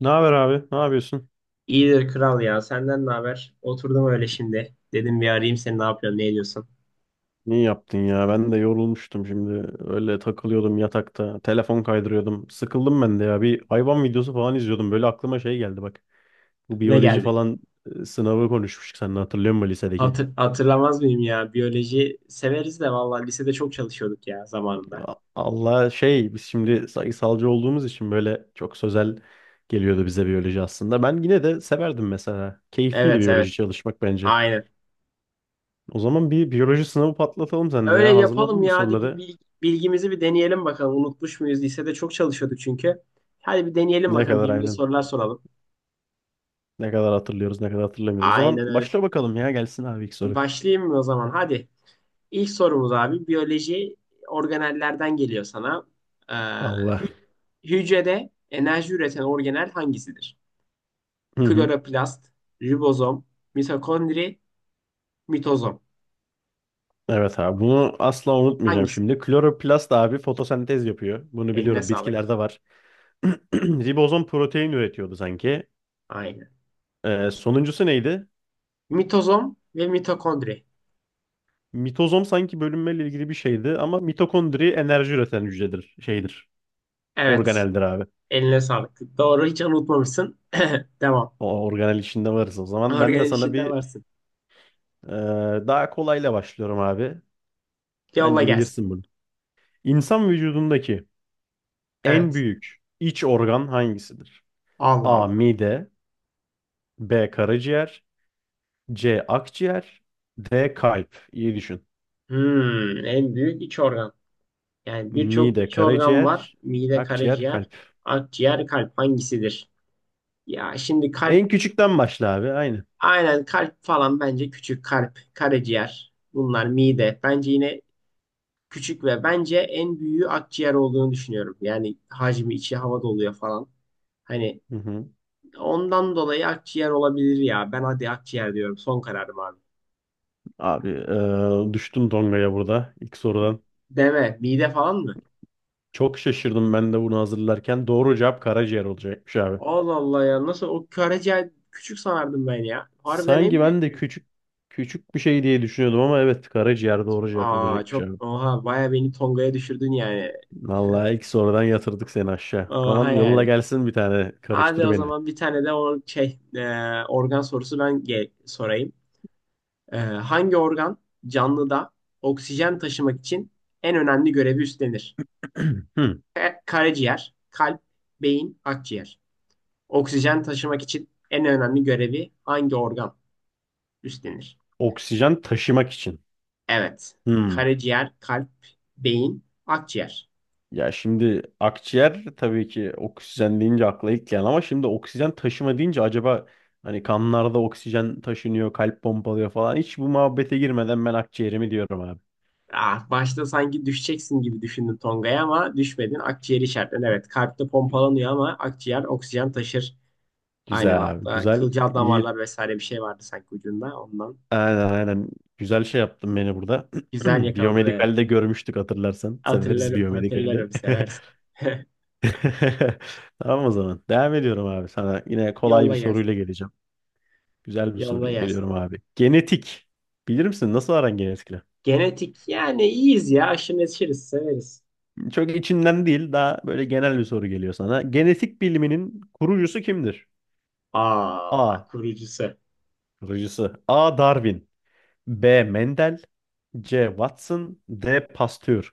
Ne haber abi? Ne yapıyorsun? İyidir kral ya. Senden ne haber? Oturdum öyle şimdi. Dedim bir arayayım seni ne yapıyorsun, ne ediyorsun? İyi yaptın ya. Ben de yorulmuştum şimdi. Öyle takılıyordum yatakta. Telefon kaydırıyordum. Sıkıldım ben de ya. Bir hayvan videosu falan izliyordum. Böyle aklıma şey geldi bak. Bu Ne biyoloji geldi? falan sınavı konuşmuştuk seninle hatırlıyor musun lisedeki? Hatırlamaz mıyım ya? Biyoloji severiz de vallahi lisede çok çalışıyorduk ya zamanında. Allah şey biz şimdi sayısalcı olduğumuz için böyle çok sözel geliyordu bize biyoloji aslında. Ben yine de severdim mesela. Keyifliydi Evet, evet. biyoloji çalışmak bence. Aynen. O zaman bir biyoloji sınavı patlatalım seninle Öyle ya. Hazırladın yapalım mı ya. Hadi soruları? Bilgimizi bir deneyelim bakalım. Unutmuş muyuz? Lisede çok çalışıyorduk çünkü. Hadi bir deneyelim Ne bakalım. kadar Birbirimize aynen. sorular soralım. Ne kadar hatırlıyoruz, ne kadar hatırlamıyoruz. O zaman Aynen öyle. başla bakalım ya gelsin abi ilk soru. Başlayayım mı o zaman? Hadi. İlk sorumuz abi, biyoloji organellerden geliyor sana. Ee, Allah. hü- Hücrede enerji üreten organel hangisidir? Hı hı. Kloroplast, ribozom, mitokondri, mitozom. Evet abi bunu asla unutmayacağım Hangisi? şimdi. Kloroplast abi fotosentez yapıyor. Bunu Eline biliyorum sağlık. bitkilerde var. Ribozom protein üretiyordu sanki. Aynen. Sonuncusu neydi? Mitozom ve mitokondri. Mitozom sanki bölünmeyle ilgili bir şeydi ama mitokondri enerji üreten hücredir, şeydir. Evet. Organeldir abi. Eline sağlık. Doğru, hiç unutmamışsın. Devam. O organel içinde varız o zaman. Ben de Organel sana işinde bir varsın. e, daha kolayla başlıyorum abi. Yolla Bence gelsin. bilirsin bunu. İnsan vücudundaki en Evet. büyük iç organ hangisidir? Allah A. Allah. Mide. B. Karaciğer. C. Akciğer. D. Kalp. İyi düşün. Hmm, en büyük iç organ. Yani birçok Mide, iç organ var. karaciğer, Mide, akciğer, karaciğer, kalp. akciğer, kalp hangisidir? Ya şimdi kalp, En küçükten başla abi. Aynı. aynen kalp falan bence küçük, kalp, karaciğer. Bunlar mide. Bence yine küçük ve bence en büyüğü akciğer olduğunu düşünüyorum. Yani hacmi, içi hava doluyor falan. Hani Hı hı. ondan dolayı akciğer olabilir ya. Ben hadi akciğer diyorum. Son kararım abi. Abi düştüm dongaya burada ilk sorudan. Deme. Mide falan mı? Çok şaşırdım ben de bunu hazırlarken. Doğru cevap karaciğer olacakmış abi. Allah Allah ya. Nasıl o karaciğer küçük sanardım ben ya. Harbiden en Sanki büyük. ben de küçük küçük bir şey diye düşünüyordum ama evet karaciğer doğru cevap Aa, olacakmış çok abi. oha, baya beni Tonga'ya düşürdün yani. Vallahi ilk sorudan yatırdık seni aşağı. O Oha zaman yolla yani. gelsin bir tane Hadi karıştır o beni. zaman bir tane de o organ sorusu ben sorayım. Hangi organ canlıda oksijen taşımak için en önemli görevi üstlenir? Hmm. Karaciğer, kalp, beyin, akciğer. Oksijen taşımak için en önemli görevi hangi organ üstlenir? Oksijen taşımak için. Evet. Hmm. Karaciğer, kalp, beyin, akciğer. Ya şimdi akciğer tabii ki oksijen deyince akla ilk gelen ama şimdi oksijen taşıma deyince acaba hani kanlarda oksijen taşınıyor, kalp pompalıyor falan. Hiç bu muhabbete girmeden ben akciğerimi diyorum abi. Ah, başta sanki düşeceksin gibi düşündün Tonga'ya ama düşmedin. Akciğer işaretlen. Evet, kalpte pompalanıyor ama akciğer oksijen taşır. Aynen, Güzel abi, hatta güzel. kılcal İyi. damarlar vesaire bir şey vardı sanki ucunda ondan. Aynen aynen. Güzel şey yaptın beni burada. Güzel yakaladın, evet. Biyomedikal'de görmüştük hatırlarsan. Severiz Hatırlarım, biyomedikali. hatırlarım, seversin. Tamam o zaman. Devam ediyorum abi sana. Yine kolay bir Yolla gelsin. soruyla geleceğim. Güzel bir Yolla soruyla gelsin. geliyorum abi. Genetik. Bilir misin? Nasıl aran genetikle? Genetik, yani iyiyiz ya. Aşırı neşiriz, severiz. Çok içinden değil. Daha böyle genel bir soru geliyor sana. Genetik biliminin kurucusu kimdir? Aa, A. kurucusu. Kurucusu. A. Darwin. B. Mendel. C. Watson. D. Pasteur.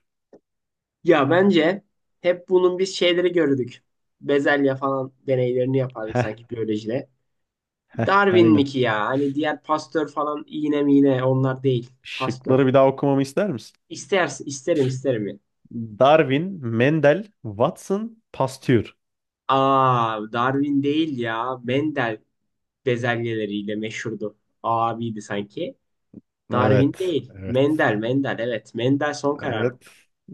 Ya bence hep bunun biz şeyleri gördük. Bezelye falan deneylerini yapardık Heh. sanki biyolojide. Heh. Darwin mi Aynen. ki ya? Hani diğer Pasteur falan, iğne miğne, onlar değil. Şıkları Pasteur. bir daha okumamı ister misin? İster, isterim, isterim ya. Darwin, Mendel, Watson, Pasteur. Aa, Darwin değil ya. Mendel bezelyeleriyle meşhurdu. Abiydi sanki. Darwin Evet. değil. Evet. Mendel, Mendel, evet. Mendel son kararı. Evet.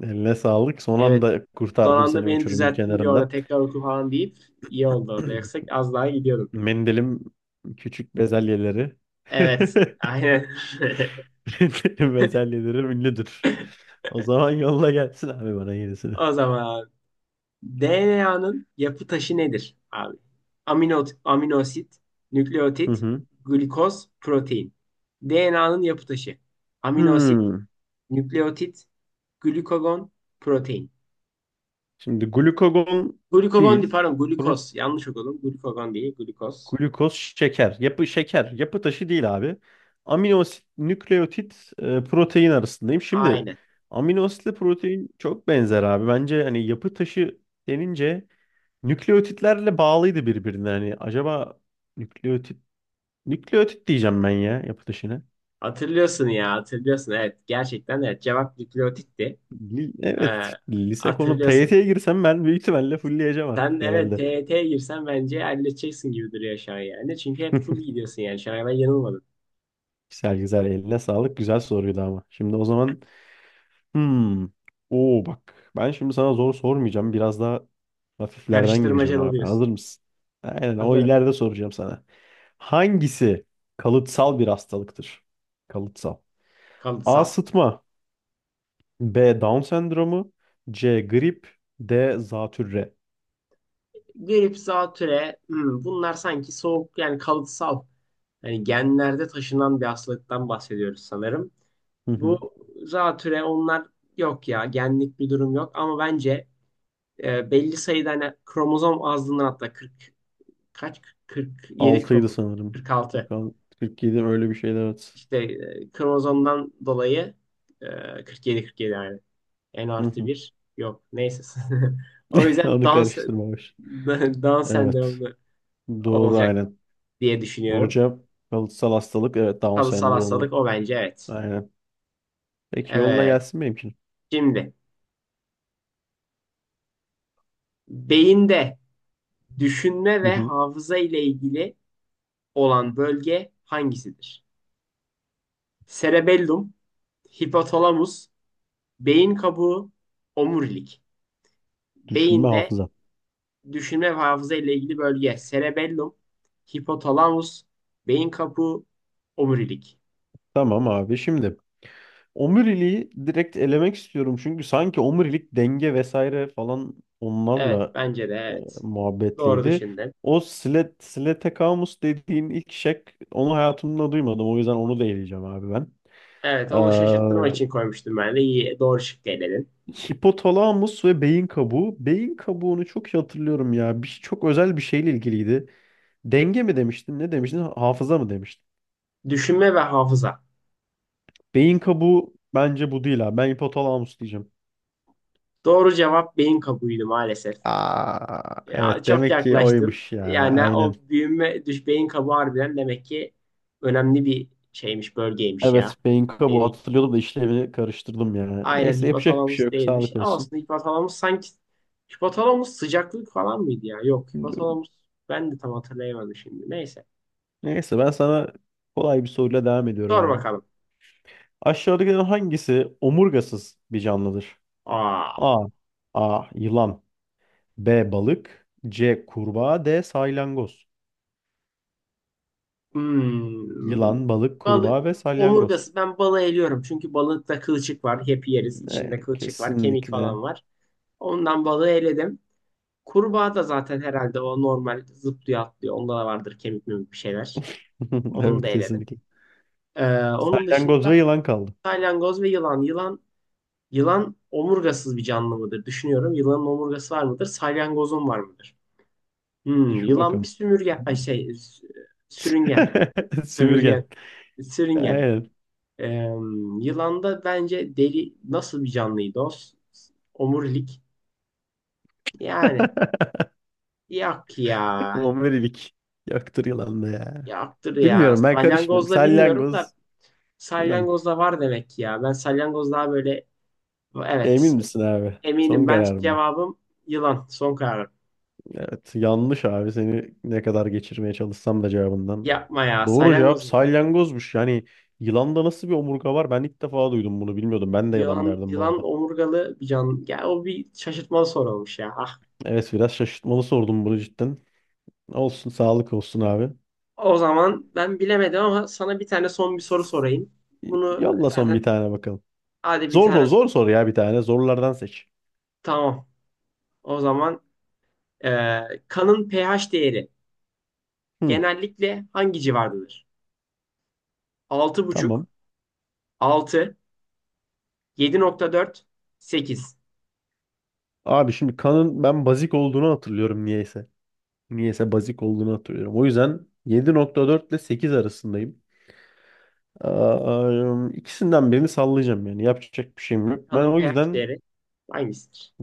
Eline sağlık. Son Evet. anda Son kurtardım anda seni beni uçurumun düzelttin, bir orada kenarından. tekrar oku falan deyip iyi oldu orada. Yoksa az daha gidiyordum. Mendelim küçük bezelyeleri. Evet. Aynen. Mendelim bezelyeleri ünlüdür. O zaman yolla gelsin abi bana yenisini. O zaman DNA'nın yapı taşı nedir abi? Amino, aminosit, Hı nükleotit, hı. glikoz, protein. DNA'nın yapı taşı. Aminosit, Hmm. nükleotit, glikogon, protein. Şimdi glukagon Glikogon değil, değil. pardon, Pro- glikoz. Yanlış okudum. Glikogon değil, glikoz. Glukoz şeker. Yapı şeker. Yapı taşı değil abi. Amino asit, nükleotit, protein arasındayım. Şimdi Aynen. amino asitle protein çok benzer abi. Bence hani yapı taşı denince nükleotitlerle bağlıydı birbirine. Hani acaba nükleotit nükleotit diyeceğim ben ya yapı dışına. Hatırlıyorsun ya, hatırlıyorsun. Evet, gerçekten evet. Cevap nükleotitti. Ee, Evet, lise konu Hatırlıyorsun. TYT'ye girsem ben büyük ihtimalle fullleyeceğim Sen artık evet, herhalde. TYT'ye girsen bence halledeceksin gibi duruyor şu an yani. Çünkü hep full gidiyorsun yani. Şu an ben yanılmadım. Güzel güzel eline sağlık. Güzel soruydu ama. Şimdi o zaman hmm. Oo bak. Ben şimdi sana zor sormayacağım. Biraz daha hafiflerden gireceğim Karıştırmaca abi. oluyoruz. Hazır mısın? Aynen o Hazırım. ileride soracağım sana. Hangisi kalıtsal bir hastalıktır? Kalıtsal. A. Kalıtsal. Sıtma. B. Down sendromu. C. Grip. D. Zatürre. Grip, zatüre, hmm, bunlar sanki soğuk, yani kalıtsal. Yani genlerde taşınan bir hastalıktan bahsediyoruz sanırım. Hı Bu hı. zatüre onlar, yok ya, genlik bir durum yok, ama bence belli sayıda hani kromozom azlığından, hatta 40 kaç, 47 6'ydı kromozom, sanırım. 46, 46, 47 öyle bir şeydi evet. işte kromozomdan dolayı, 47 yani N Hı artı hı. bir yok. Neyse. O yüzden Onu dans karıştırmamış. dans Evet. sendromlu Doğru olacak aynen. diye Doğru düşünüyorum. cevap kalıtsal hastalık. Evet, Down Kalıtsal sendromu. hastalık o, bence evet. Aynen. Peki yolla Evet. gelsin benimkini. Şimdi beyinde düşünme Hı ve hı. hafıza ile ilgili olan bölge hangisidir? Cerebellum, hipotalamus, beyin kabuğu, omurilik. Düşünme Beyinde hafıza. düşünme ve hafıza ile ilgili bölge cerebellum, hipotalamus, beyin kabuğu, omurilik. Tamam abi şimdi. Omuriliği direkt elemek istiyorum çünkü sanki omurilik denge vesaire falan Evet, onlarla bence de e, evet. Doğru muhabbetliydi. düşündün. O Slet, Sletekamus dediğin ilk şek onu hayatımda duymadım. O yüzden onu da eleyeceğim abi ben. Evet, onu şaşırttırmak için Ee, koymuştum ben de. İyi, doğru şık eledin. hipotalamus ve beyin kabuğu. Beyin kabuğunu çok iyi hatırlıyorum ya. Bir, çok özel bir şeyle ilgiliydi. Denge mi demiştin? Ne demiştin? Hafıza mı demiştin? Düşünme ve hafıza. Beyin kabuğu bence bu değil abi. Ben hipotalamus diyeceğim. Doğru cevap beyin kabuğuydu maalesef. Aa, Ya, evet çok demek ki yaklaştın. oymuş ya. Yani Aynen. o büyüme, düş, beyin kabuğu harbiden demek ki önemli bir şeymiş, bölgeymiş ya. Evet, Benko bu Dediğin. hatırlıyordum da işlevini karıştırdım ya. Aynen, Neyse yapacak bir şey hipotalamus yok. değilmiş. Sağlık Ama olsun. aslında hipotalamus sanki, hipotalamus sıcaklık falan mıydı ya? Yok, hipotalamus, ben de tam hatırlayamadım şimdi. Neyse. Neyse ben sana kolay bir soruyla devam ediyorum Sor abi. bakalım. Aşağıdakilerin hangisi omurgasız bir canlıdır? Aa. A. A. Yılan. B. Balık. C. Kurbağa. D. Salyangoz. Hmm. Yılan, balık, Balı, kurbağa ve salyangoz. omurgası, ben balığı eliyorum. Çünkü balıkta kılçık var. Hep yeriz. İçinde E, kılçık var. Kemik kesinlikle. falan var. Ondan balığı eledim. Kurbağa da zaten herhalde o normal zıplıyor, atlıyor. Onda da vardır kemik memik bir şeyler. Onu da Evet eledim. kesinlikle. Onun Salyangoz ve dışında yılan kaldı. salyangoz ve yılan. Yılan, yılan omurgasız bir canlı mıdır? Düşünüyorum. Yılanın omurgası var mıdır? Salyangozun var mıdır? Hmm, Düşün yılan bir bakalım. sümürgen. Ay şey, sürüngen. Sömürgen. Sümürgen. Sürüngen. Aynen. Ee, Yılanda bence deri, nasıl bir canlıydı o? Omurilik. Yani yok ya. Omurilik, yoktur yılan da ya. Yaktır ya. Bilmiyorum ben karışmıyorum. Salyangozda bilmiyorum da Salyangoz yılan. salyangozda var demek ki ya. Ben salyangoz daha böyle, Emin evet, misin abi? Son eminim, ben kararım mı? cevabım yılan. Son kararım. Evet yanlış abi seni ne kadar geçirmeye çalışsam da cevabından. Yapma ya. Doğru cevap Salyangoz muyum? salyangozmuş. Yani yılanda nasıl bir omurga var? Ben ilk defa duydum bunu bilmiyordum. Ben de yılan Yılan, derdim bu yılan arada. omurgalı bir can. Ya o bir şaşırtmalı soru olmuş ya. Ah. Evet biraz şaşırtmalı sordum bunu cidden. Olsun sağlık olsun abi. O zaman ben bilemedim, ama sana bir tane son bir soru sorayım. Bunu Yolla son zaten, bir tane bakalım. hadi bir Zor soru tane sor. zor soru ya bir tane. Zorlardan seç. Tamam. O zaman e, kanın pH değeri Hı, genellikle hangi civardadır? Altı altı, buçuk, tamam. altı, yedi nokta dört, sekiz. Abi şimdi kanın ben bazik olduğunu hatırlıyorum niyeyse. Niyeyse bazik olduğunu hatırlıyorum. O yüzden 7,4 ile 8 arasındayım. Aa, ikisinden birini sallayacağım yani. Yapacak bir şeyim yok. Ben Kanın o pH yüzden değeri hangisidir?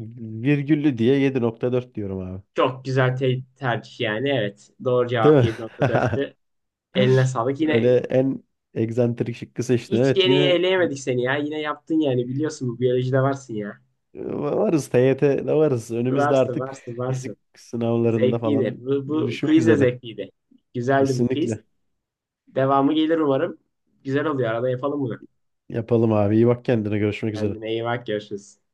virgüllü diye 7,4 diyorum abi. Çok güzel tercih yani. Evet. Doğru Değil cevap mi? 7,4'tü. Eline sağlık. Yine Öyle en egzantrik şıkkı seçtin. hiç Evet yeniyi yine eleyemedik seni ya. Yine yaptın yani. Biliyorsun, bu biyolojide varsın ya. Varız TYT'de varız. Önümüzde Varsın, artık varsın, varsın. fizik sınavlarında Zevkliydi. falan Bu görüşmek quiz de üzere. zevkliydi. Güzeldi bu quiz. Kesinlikle. Devamı gelir umarım. Güzel oluyor. Arada yapalım bunu. Yapalım abi. İyi bak kendine. Görüşmek üzere. Kendine iyi bak, görüşürüz.